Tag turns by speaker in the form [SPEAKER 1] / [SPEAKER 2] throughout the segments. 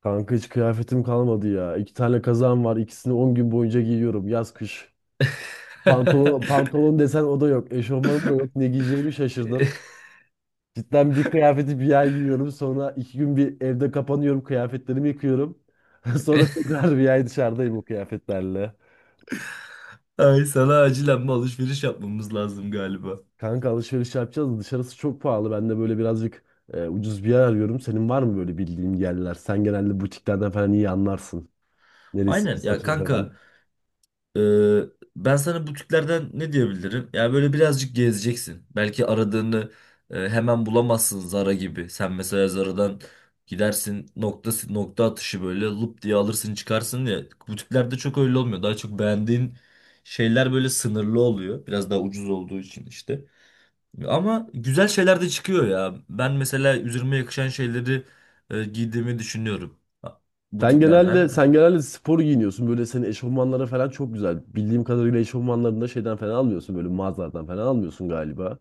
[SPEAKER 1] Kanka hiç kıyafetim kalmadı ya. İki tane kazağım var. İkisini 10 gün boyunca giyiyorum. Yaz kış. Pantolon desen o da yok. Eşofmanım da yok. Ne giyeceğimi şaşırdım. Cidden bir kıyafeti bir ay giyiyorum. Sonra 2 gün bir evde kapanıyorum. Kıyafetlerimi yıkıyorum. Sonra tekrar bir ay dışarıdayım o kıyafetlerle.
[SPEAKER 2] Ay sana acilen bir alışveriş yapmamız lazım galiba.
[SPEAKER 1] Kanka alışveriş yapacağız da dışarısı çok pahalı. Ben de böyle birazcık ucuz bir yer arıyorum. Senin var mı böyle bildiğin yerler? Sen genelde butiklerden falan iyi anlarsın. Neresi
[SPEAKER 2] Aynen ya
[SPEAKER 1] satıyor
[SPEAKER 2] kanka,
[SPEAKER 1] falan.
[SPEAKER 2] e, ben sana butiklerden ne diyebilirim? Ya böyle birazcık gezeceksin. Belki aradığını hemen bulamazsın Zara gibi. Sen mesela Zara'dan gidersin nokta si, nokta atışı böyle lup diye alırsın çıkarsın ya. Butiklerde çok öyle olmuyor. Daha çok beğendiğin şeyler böyle sınırlı oluyor. Biraz daha ucuz olduğu için işte. Ama güzel şeyler de çıkıyor ya. Ben mesela üzerime yakışan şeyleri giydiğimi düşünüyorum. Ha,
[SPEAKER 1] Sen genelde
[SPEAKER 2] butiklerden.
[SPEAKER 1] sen genelde spor giyiniyorsun. Böyle senin eşofmanlara falan çok güzel. Bildiğim kadarıyla eşofmanlarını da şeyden falan almıyorsun. Böyle mağazalardan falan almıyorsun galiba.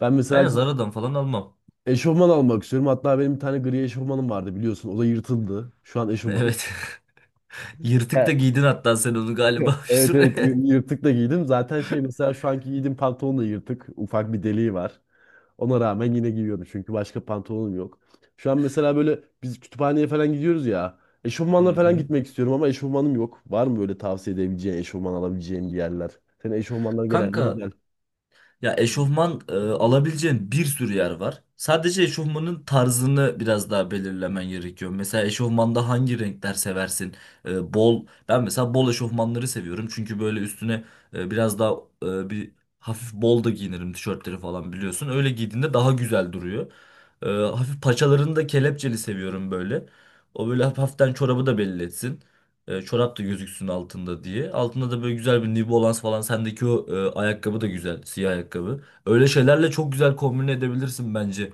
[SPEAKER 1] Ben mesela
[SPEAKER 2] Aynen, Zara'dan falan almam.
[SPEAKER 1] eşofman almak istiyorum. Hatta benim bir tane gri eşofmanım vardı biliyorsun. O da yırtıldı. Şu an eşofman.
[SPEAKER 2] Evet. Yırtık da
[SPEAKER 1] Evet.
[SPEAKER 2] giydin hatta sen onu galiba bir
[SPEAKER 1] Evet evet
[SPEAKER 2] süre.
[SPEAKER 1] yırtık da giydim. Zaten şey mesela şu anki giydiğim pantolon da yırtık. Ufak bir deliği var. Ona rağmen yine giyiyorum çünkü başka pantolonum yok. Şu an mesela böyle biz kütüphaneye falan gidiyoruz ya.
[SPEAKER 2] Hı
[SPEAKER 1] Eşofmanla falan
[SPEAKER 2] hı.
[SPEAKER 1] gitmek istiyorum ama eşofmanım yok. Var mı böyle tavsiye edebileceğin, eşofman alabileceğim bir yerler? Senin eşofmanlar genelde
[SPEAKER 2] Kanka,
[SPEAKER 1] güzel.
[SPEAKER 2] ya eşofman alabileceğin bir sürü yer var. Sadece eşofmanın tarzını biraz daha belirlemen gerekiyor. Mesela eşofmanda hangi renkler seversin? Bol. Ben mesela bol eşofmanları seviyorum. Çünkü böyle üstüne biraz daha e, bir hafif bol da giyinirim tişörtleri falan biliyorsun. Öyle giydiğinde daha güzel duruyor. Hafif paçalarını da kelepçeli seviyorum böyle. O böyle hafiften çorabı da belli etsin. Çorap da gözüksün altında diye. Altında da böyle güzel bir New Balance falan. Sendeki o ayakkabı da güzel. Siyah ayakkabı. Öyle şeylerle çok güzel kombine edebilirsin bence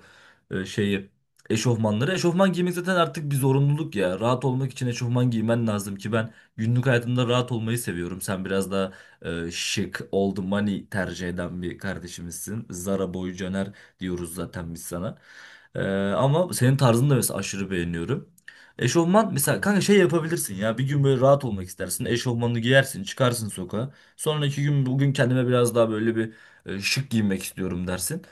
[SPEAKER 2] şeyi. Eşofmanları. Eşofman giymek zaten artık bir zorunluluk ya. Rahat olmak için eşofman giymen lazım ki ben günlük hayatımda rahat olmayı seviyorum. Sen biraz daha şık, old money tercih eden bir kardeşimizsin. Zara boy Caner diyoruz zaten biz sana. E, Ama senin tarzını da mesela aşırı beğeniyorum. Eşofman mesela kanka şey yapabilirsin ya, bir gün böyle rahat olmak istersin eşofmanını giyersin çıkarsın sokağa, sonraki gün bugün kendime biraz daha böyle bir şık giyinmek istiyorum dersin,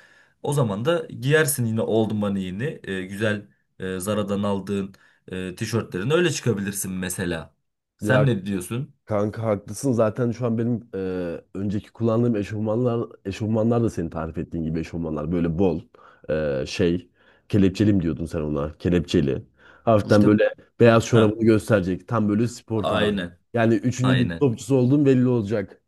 [SPEAKER 2] o zaman da giyersin yine oldum bana yeni, güzel Zara'dan aldığın tişörtlerini öyle çıkabilirsin mesela. Sen
[SPEAKER 1] Ya
[SPEAKER 2] ne diyorsun?
[SPEAKER 1] kanka haklısın. Zaten şu an benim önceki kullandığım eşofmanlar da senin tarif ettiğin gibi eşofmanlar. Böyle bol e, şey, kelepçeli mi diyordun sen ona? Kelepçeli.
[SPEAKER 2] Bu
[SPEAKER 1] Hafiften
[SPEAKER 2] işte.
[SPEAKER 1] böyle beyaz
[SPEAKER 2] Ha,
[SPEAKER 1] çorabını gösterecek. Tam böyle spor tarzı.
[SPEAKER 2] aynen.
[SPEAKER 1] Yani üçüncü lig
[SPEAKER 2] Aynen,
[SPEAKER 1] topçusu olduğun belli olacak.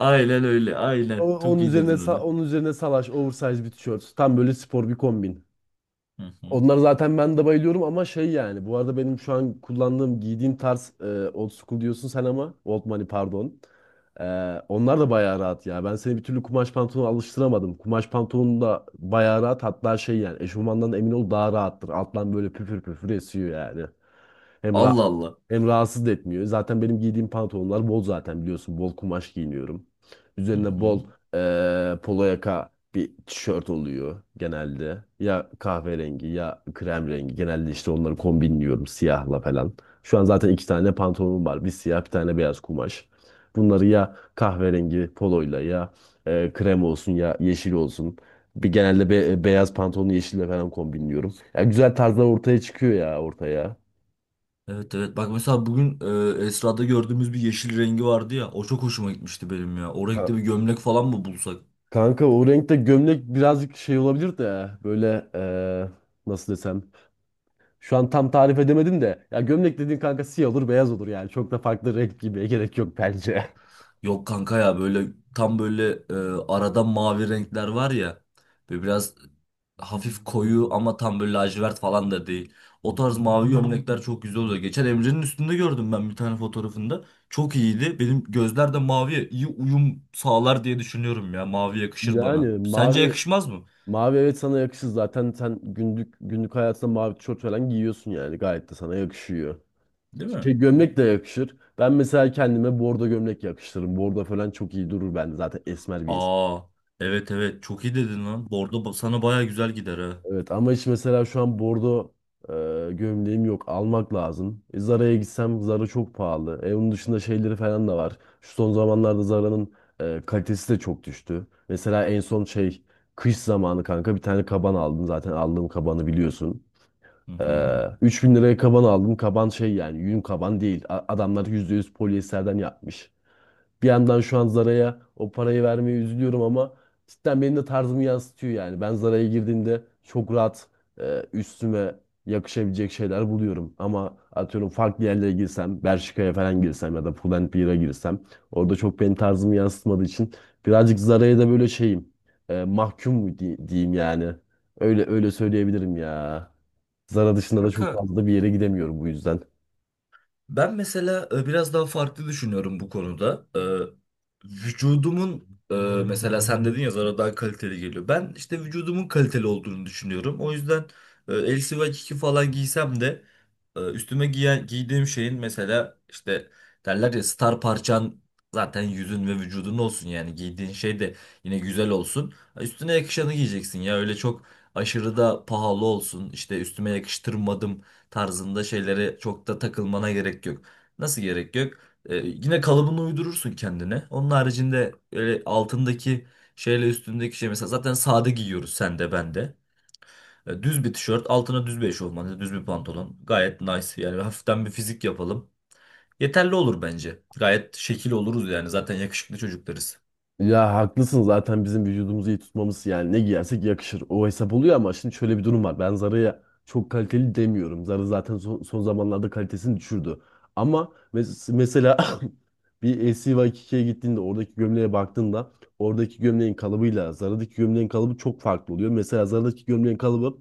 [SPEAKER 2] aynen öyle,
[SPEAKER 1] O-
[SPEAKER 2] çok
[SPEAKER 1] Onun
[SPEAKER 2] iyi
[SPEAKER 1] üzerine
[SPEAKER 2] dedin
[SPEAKER 1] sa-
[SPEAKER 2] onu.
[SPEAKER 1] onun üzerine salaş, oversize bir tişört. Tam böyle spor bir kombin.
[SPEAKER 2] Hı hı.
[SPEAKER 1] Onlar zaten ben de bayılıyorum ama şey yani. Bu arada benim şu an kullandığım, giydiğim tarz old school diyorsun sen ama old money pardon. E, Onlar da bayağı rahat ya. Ben seni bir türlü kumaş pantolona alıştıramadım. Kumaş pantolon da bayağı rahat. Hatta şey yani eşofmandan emin ol daha rahattır. Alttan böyle püfür püfür esiyor yani. Hem rahat.
[SPEAKER 2] Allah Allah.
[SPEAKER 1] Hem rahatsız da etmiyor. Zaten benim giydiğim pantolonlar bol zaten biliyorsun. Bol kumaş giyiniyorum.
[SPEAKER 2] Hı
[SPEAKER 1] Üzerine bol
[SPEAKER 2] hı.
[SPEAKER 1] polo yaka bir tişört oluyor genelde. Ya kahverengi ya krem rengi. Genelde işte onları kombinliyorum siyahla falan. Şu an zaten iki tane pantolonum var. Bir siyah bir tane beyaz kumaş. Bunları ya kahverengi poloyla ya krem olsun ya yeşil olsun. Bir genelde beyaz pantolonu yeşille falan kombinliyorum. Ya güzel tarzlar ortaya çıkıyor ya ortaya.
[SPEAKER 2] Evet, evet, bak mesela bugün Esra'da gördüğümüz bir yeşil rengi vardı ya, o çok hoşuma gitmişti benim ya. O renkte
[SPEAKER 1] Ka-
[SPEAKER 2] bir gömlek falan mı bulsak?
[SPEAKER 1] Kanka o renkte gömlek birazcık şey olabilir de böyle nasıl desem. Şu an tam tarif edemedim de. Ya gömlek dediğin kanka siyah olur beyaz olur yani. Çok da farklı renk giymeye gerek yok bence.
[SPEAKER 2] Yok kanka, ya böyle tam böyle e, arada mavi renkler var ya, böyle biraz hafif koyu ama tam böyle lacivert falan da değil. O tarz mavi gömlekler çok güzel oluyor. Geçen Emre'nin üstünde gördüm ben bir tane fotoğrafında. Çok iyiydi. Benim gözler de maviye iyi uyum sağlar diye düşünüyorum ya. Mavi yakışır bana.
[SPEAKER 1] Yani
[SPEAKER 2] Sence
[SPEAKER 1] mavi
[SPEAKER 2] yakışmaz mı?
[SPEAKER 1] mavi evet sana yakışır, zaten sen günlük hayatında mavi tişört falan giyiyorsun yani gayet de sana yakışıyor.
[SPEAKER 2] Değil mi?
[SPEAKER 1] Şey gömlek de yakışır. Ben mesela kendime bordo gömlek yakıştırırım. Bordo falan çok iyi durur bende zaten esmer bir.
[SPEAKER 2] Aa, evet, evet, çok iyi dedin lan. Bordo ba- sana baya güzel gider ha.
[SPEAKER 1] Evet ama hiç mesela şu an bordo gömleğim yok. Almak lazım. Zara'ya gitsem Zara çok pahalı. Onun dışında şeyleri falan da var. Şu son zamanlarda Zara'nın kalitesi de çok düştü. Mesela en son şey kış zamanı kanka bir tane kaban aldım. Zaten aldığım kabanı biliyorsun.
[SPEAKER 2] Hı
[SPEAKER 1] E,
[SPEAKER 2] hı.
[SPEAKER 1] 3.000 liraya kaban aldım. Kaban şey yani yün kaban değil. Adamlar %100 polyesterden yapmış. Bir yandan şu an Zara'ya o parayı vermeye üzülüyorum ama cidden benim de tarzımı yansıtıyor yani. Ben Zara'ya girdiğimde çok rahat üstüme yakışabilecek şeyler buluyorum. Ama atıyorum farklı yerlere girsem, Bershka'ya falan girsem ya da Pull&Bear'a girsem orada çok benim tarzımı yansıtmadığı için birazcık Zara'ya da böyle şeyim mahkum mu diyeyim yani. Öyle öyle söyleyebilirim ya. Zara dışında da çok
[SPEAKER 2] Kanka,
[SPEAKER 1] fazla da bir yere gidemiyorum bu yüzden.
[SPEAKER 2] ben mesela biraz daha farklı düşünüyorum bu konuda. E, vücudumun e, mesela sen dedin ya, Zara daha kaliteli geliyor. Ben işte vücudumun kaliteli olduğunu düşünüyorum. O yüzden eldiven iki falan giysem de, giydiğim şeyin mesela işte, derler ya, star parçan zaten yüzün ve vücudun olsun, yani giydiğin şey de yine güzel olsun. Üstüne yakışanı giyeceksin ya, öyle çok aşırı da pahalı olsun, İşte üstüme yakıştırmadım tarzında şeylere çok da takılmana gerek yok. Nasıl gerek yok? Yine kalıbını uydurursun kendine. Onun haricinde öyle altındaki şeyle üstündeki şey, mesela zaten sade giyiyoruz sen de ben de. Düz bir tişört altına düz bir eşofman, yani düz bir pantolon gayet nice, yani hafiften bir fizik yapalım. Yeterli olur bence. Gayet şekil oluruz yani, zaten yakışıklı çocuklarız.
[SPEAKER 1] Ya haklısın, zaten bizim vücudumuzu iyi tutmamız yani ne giyersek yakışır. O hesap oluyor ama şimdi şöyle bir durum var. Ben Zara'ya çok kaliteli demiyorum. Zara zaten son zamanlarda kalitesini düşürdü. Ama mesela bir SCY2K'ye gittiğinde, oradaki gömleğe baktığında oradaki gömleğin kalıbıyla Zara'daki gömleğin kalıbı çok farklı oluyor. Mesela Zara'daki gömleğin kalıbı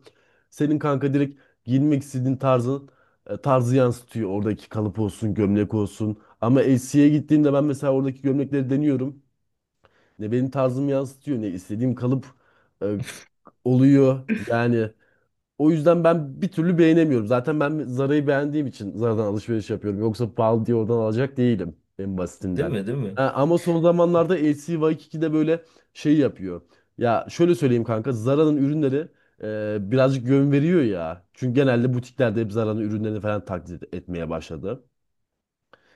[SPEAKER 1] senin kanka direkt giyinmek istediğin tarzın tarzı yansıtıyor. Oradaki kalıp olsun, gömlek olsun. Ama SC'ye gittiğimde ben mesela oradaki gömlekleri deniyorum, ne benim tarzımı yansıtıyor ne istediğim kalıp e, oluyor. Yani o yüzden ben bir türlü beğenemiyorum. Zaten ben Zara'yı beğendiğim için Zara'dan alışveriş yapıyorum. Yoksa pahalı diye oradan alacak değilim en
[SPEAKER 2] Değil
[SPEAKER 1] basitinden.
[SPEAKER 2] mi, değil mi?
[SPEAKER 1] Ha, ama son zamanlarda LC böyle şey yapıyor. Ya şöyle söyleyeyim kanka, Zara'nın ürünleri birazcık yön veriyor ya. Çünkü genelde butiklerde hep Zara'nın ürünlerini falan taklit etmeye başladı.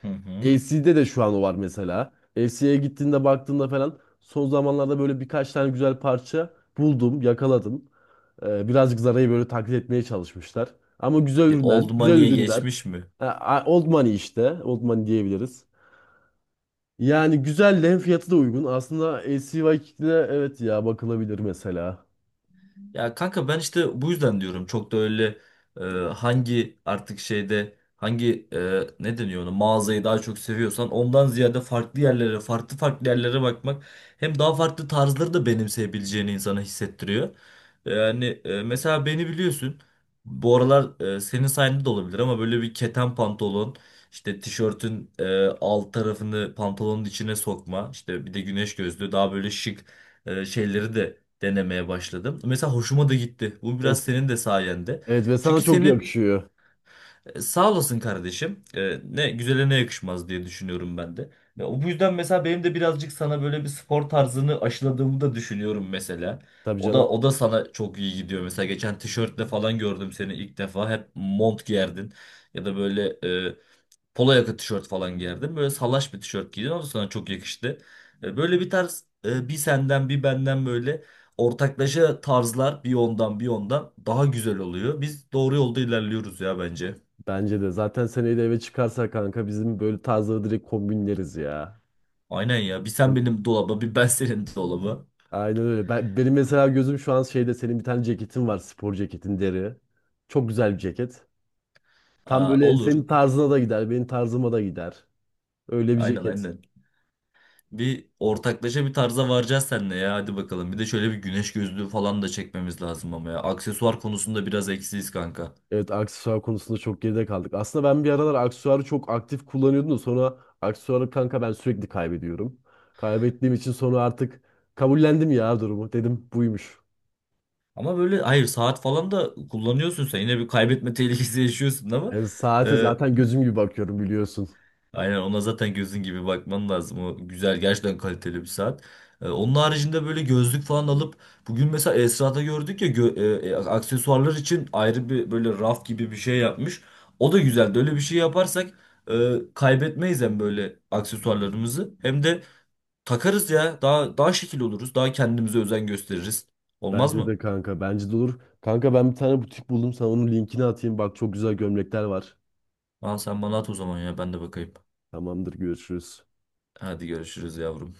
[SPEAKER 2] Hı hı.
[SPEAKER 1] FC'de de şu an o var mesela. FC'ye gittiğinde baktığında falan son zamanlarda böyle birkaç tane güzel parça buldum, yakaladım. Birazcık Zara'yı böyle taklit etmeye çalışmışlar. Ama güzel
[SPEAKER 2] Bir
[SPEAKER 1] ürünler,
[SPEAKER 2] old
[SPEAKER 1] güzel
[SPEAKER 2] money'e
[SPEAKER 1] ürünler.
[SPEAKER 2] geçmiş mi?
[SPEAKER 1] Ha, Old Money işte, Old Money diyebiliriz. Yani güzel de, hem fiyatı da uygun. Aslında L C LCY Kick'le, evet ya, bakılabilir mesela.
[SPEAKER 2] Ya kanka, ben işte bu yüzden diyorum, çok da öyle e, hangi artık şeyde hangi e, ne deniyor ona, mağazayı daha çok seviyorsan, ondan ziyade farklı yerlere, farklı yerlere bakmak hem daha farklı tarzları da benimseyebileceğini insana hissettiriyor. Yani mesela beni biliyorsun, bu aralar senin sayende de olabilir ama böyle bir keten pantolon işte tişörtün alt tarafını pantolonun içine sokma, işte bir de güneş gözlüğü, daha böyle şık şeyleri de denemeye başladım. Mesela hoşuma da gitti. Bu
[SPEAKER 1] Ve,
[SPEAKER 2] biraz senin de sayende.
[SPEAKER 1] evet ve
[SPEAKER 2] Çünkü
[SPEAKER 1] sana çok
[SPEAKER 2] senin
[SPEAKER 1] yakışıyor.
[SPEAKER 2] sağ olasın kardeşim. Ne güzele ne yakışmaz diye düşünüyorum ben de. Ya, o- bu yüzden mesela benim de birazcık sana böyle bir spor tarzını aşıladığımı da düşünüyorum mesela.
[SPEAKER 1] Tabii
[SPEAKER 2] O da,
[SPEAKER 1] canım.
[SPEAKER 2] o da sana çok iyi gidiyor. Mesela geçen tişörtle falan gördüm seni ilk defa. Hep mont giyerdin ya da böyle polo yaka tişört falan giyerdim. Böyle salaş bir tişört giydim ama sana çok yakıştı. Böyle bir tarz, bir senden bir benden, böyle ortaklaşa tarzlar, bir ondan bir ondan daha güzel oluyor. Biz doğru yolda ilerliyoruz ya bence.
[SPEAKER 1] Bence de. Zaten seneyi de eve çıkarsa kanka bizim böyle tarzları direkt kombinleriz ya.
[SPEAKER 2] Aynen ya. Bir sen benim dolaba, bir ben senin dolaba.
[SPEAKER 1] Aynen öyle. Ben, benim mesela gözüm şu an şeyde, senin bir tane ceketin var. Spor ceketin, deri. Çok güzel bir ceket. Tam
[SPEAKER 2] Aa,
[SPEAKER 1] böyle
[SPEAKER 2] olur.
[SPEAKER 1] senin tarzına da gider, benim tarzıma da gider. Öyle bir
[SPEAKER 2] Aynen,
[SPEAKER 1] ceket.
[SPEAKER 2] aynen. Bir ortaklaşa bir tarza varacağız seninle ya, hadi bakalım. Bir de şöyle bir güneş gözlüğü falan da çekmemiz lazım ama ya. Aksesuar konusunda biraz eksiyiz kanka.
[SPEAKER 1] Evet, aksesuar konusunda çok geride kaldık. Aslında ben bir aralar aksesuarı çok aktif kullanıyordum da sonra aksesuarı kanka ben sürekli kaybediyorum. Kaybettiğim için sonra artık kabullendim ya durumu. Dedim buymuş.
[SPEAKER 2] Ama böyle hayır, saat falan da kullanıyorsun sen. Yine bir kaybetme tehlikesi yaşıyorsun ama
[SPEAKER 1] Yani saate
[SPEAKER 2] e,
[SPEAKER 1] zaten gözüm gibi bakıyorum biliyorsun.
[SPEAKER 2] aynen, ona zaten gözün gibi bakman lazım. O güzel, gerçekten kaliteli bir saat. Onun haricinde böyle gözlük falan alıp, bugün mesela Esra'da gördük ya, aksesuarlar için ayrı bir böyle raf gibi bir şey yapmış. O da güzeldi. Öyle bir şey yaparsak kaybetmeyiz hem böyle aksesuarlarımızı, hem de takarız ya. Daha, daha şekil oluruz. Daha kendimize özen gösteririz. Olmaz
[SPEAKER 1] Bence de
[SPEAKER 2] mı?
[SPEAKER 1] kanka. Bence de olur. Kanka ben bir tane butik buldum. Sana onun linkini atayım. Bak çok güzel gömlekler var.
[SPEAKER 2] Aa, sen bana at o zaman ya, ben de bakayım.
[SPEAKER 1] Tamamdır, görüşürüz.
[SPEAKER 2] Hadi görüşürüz yavrum.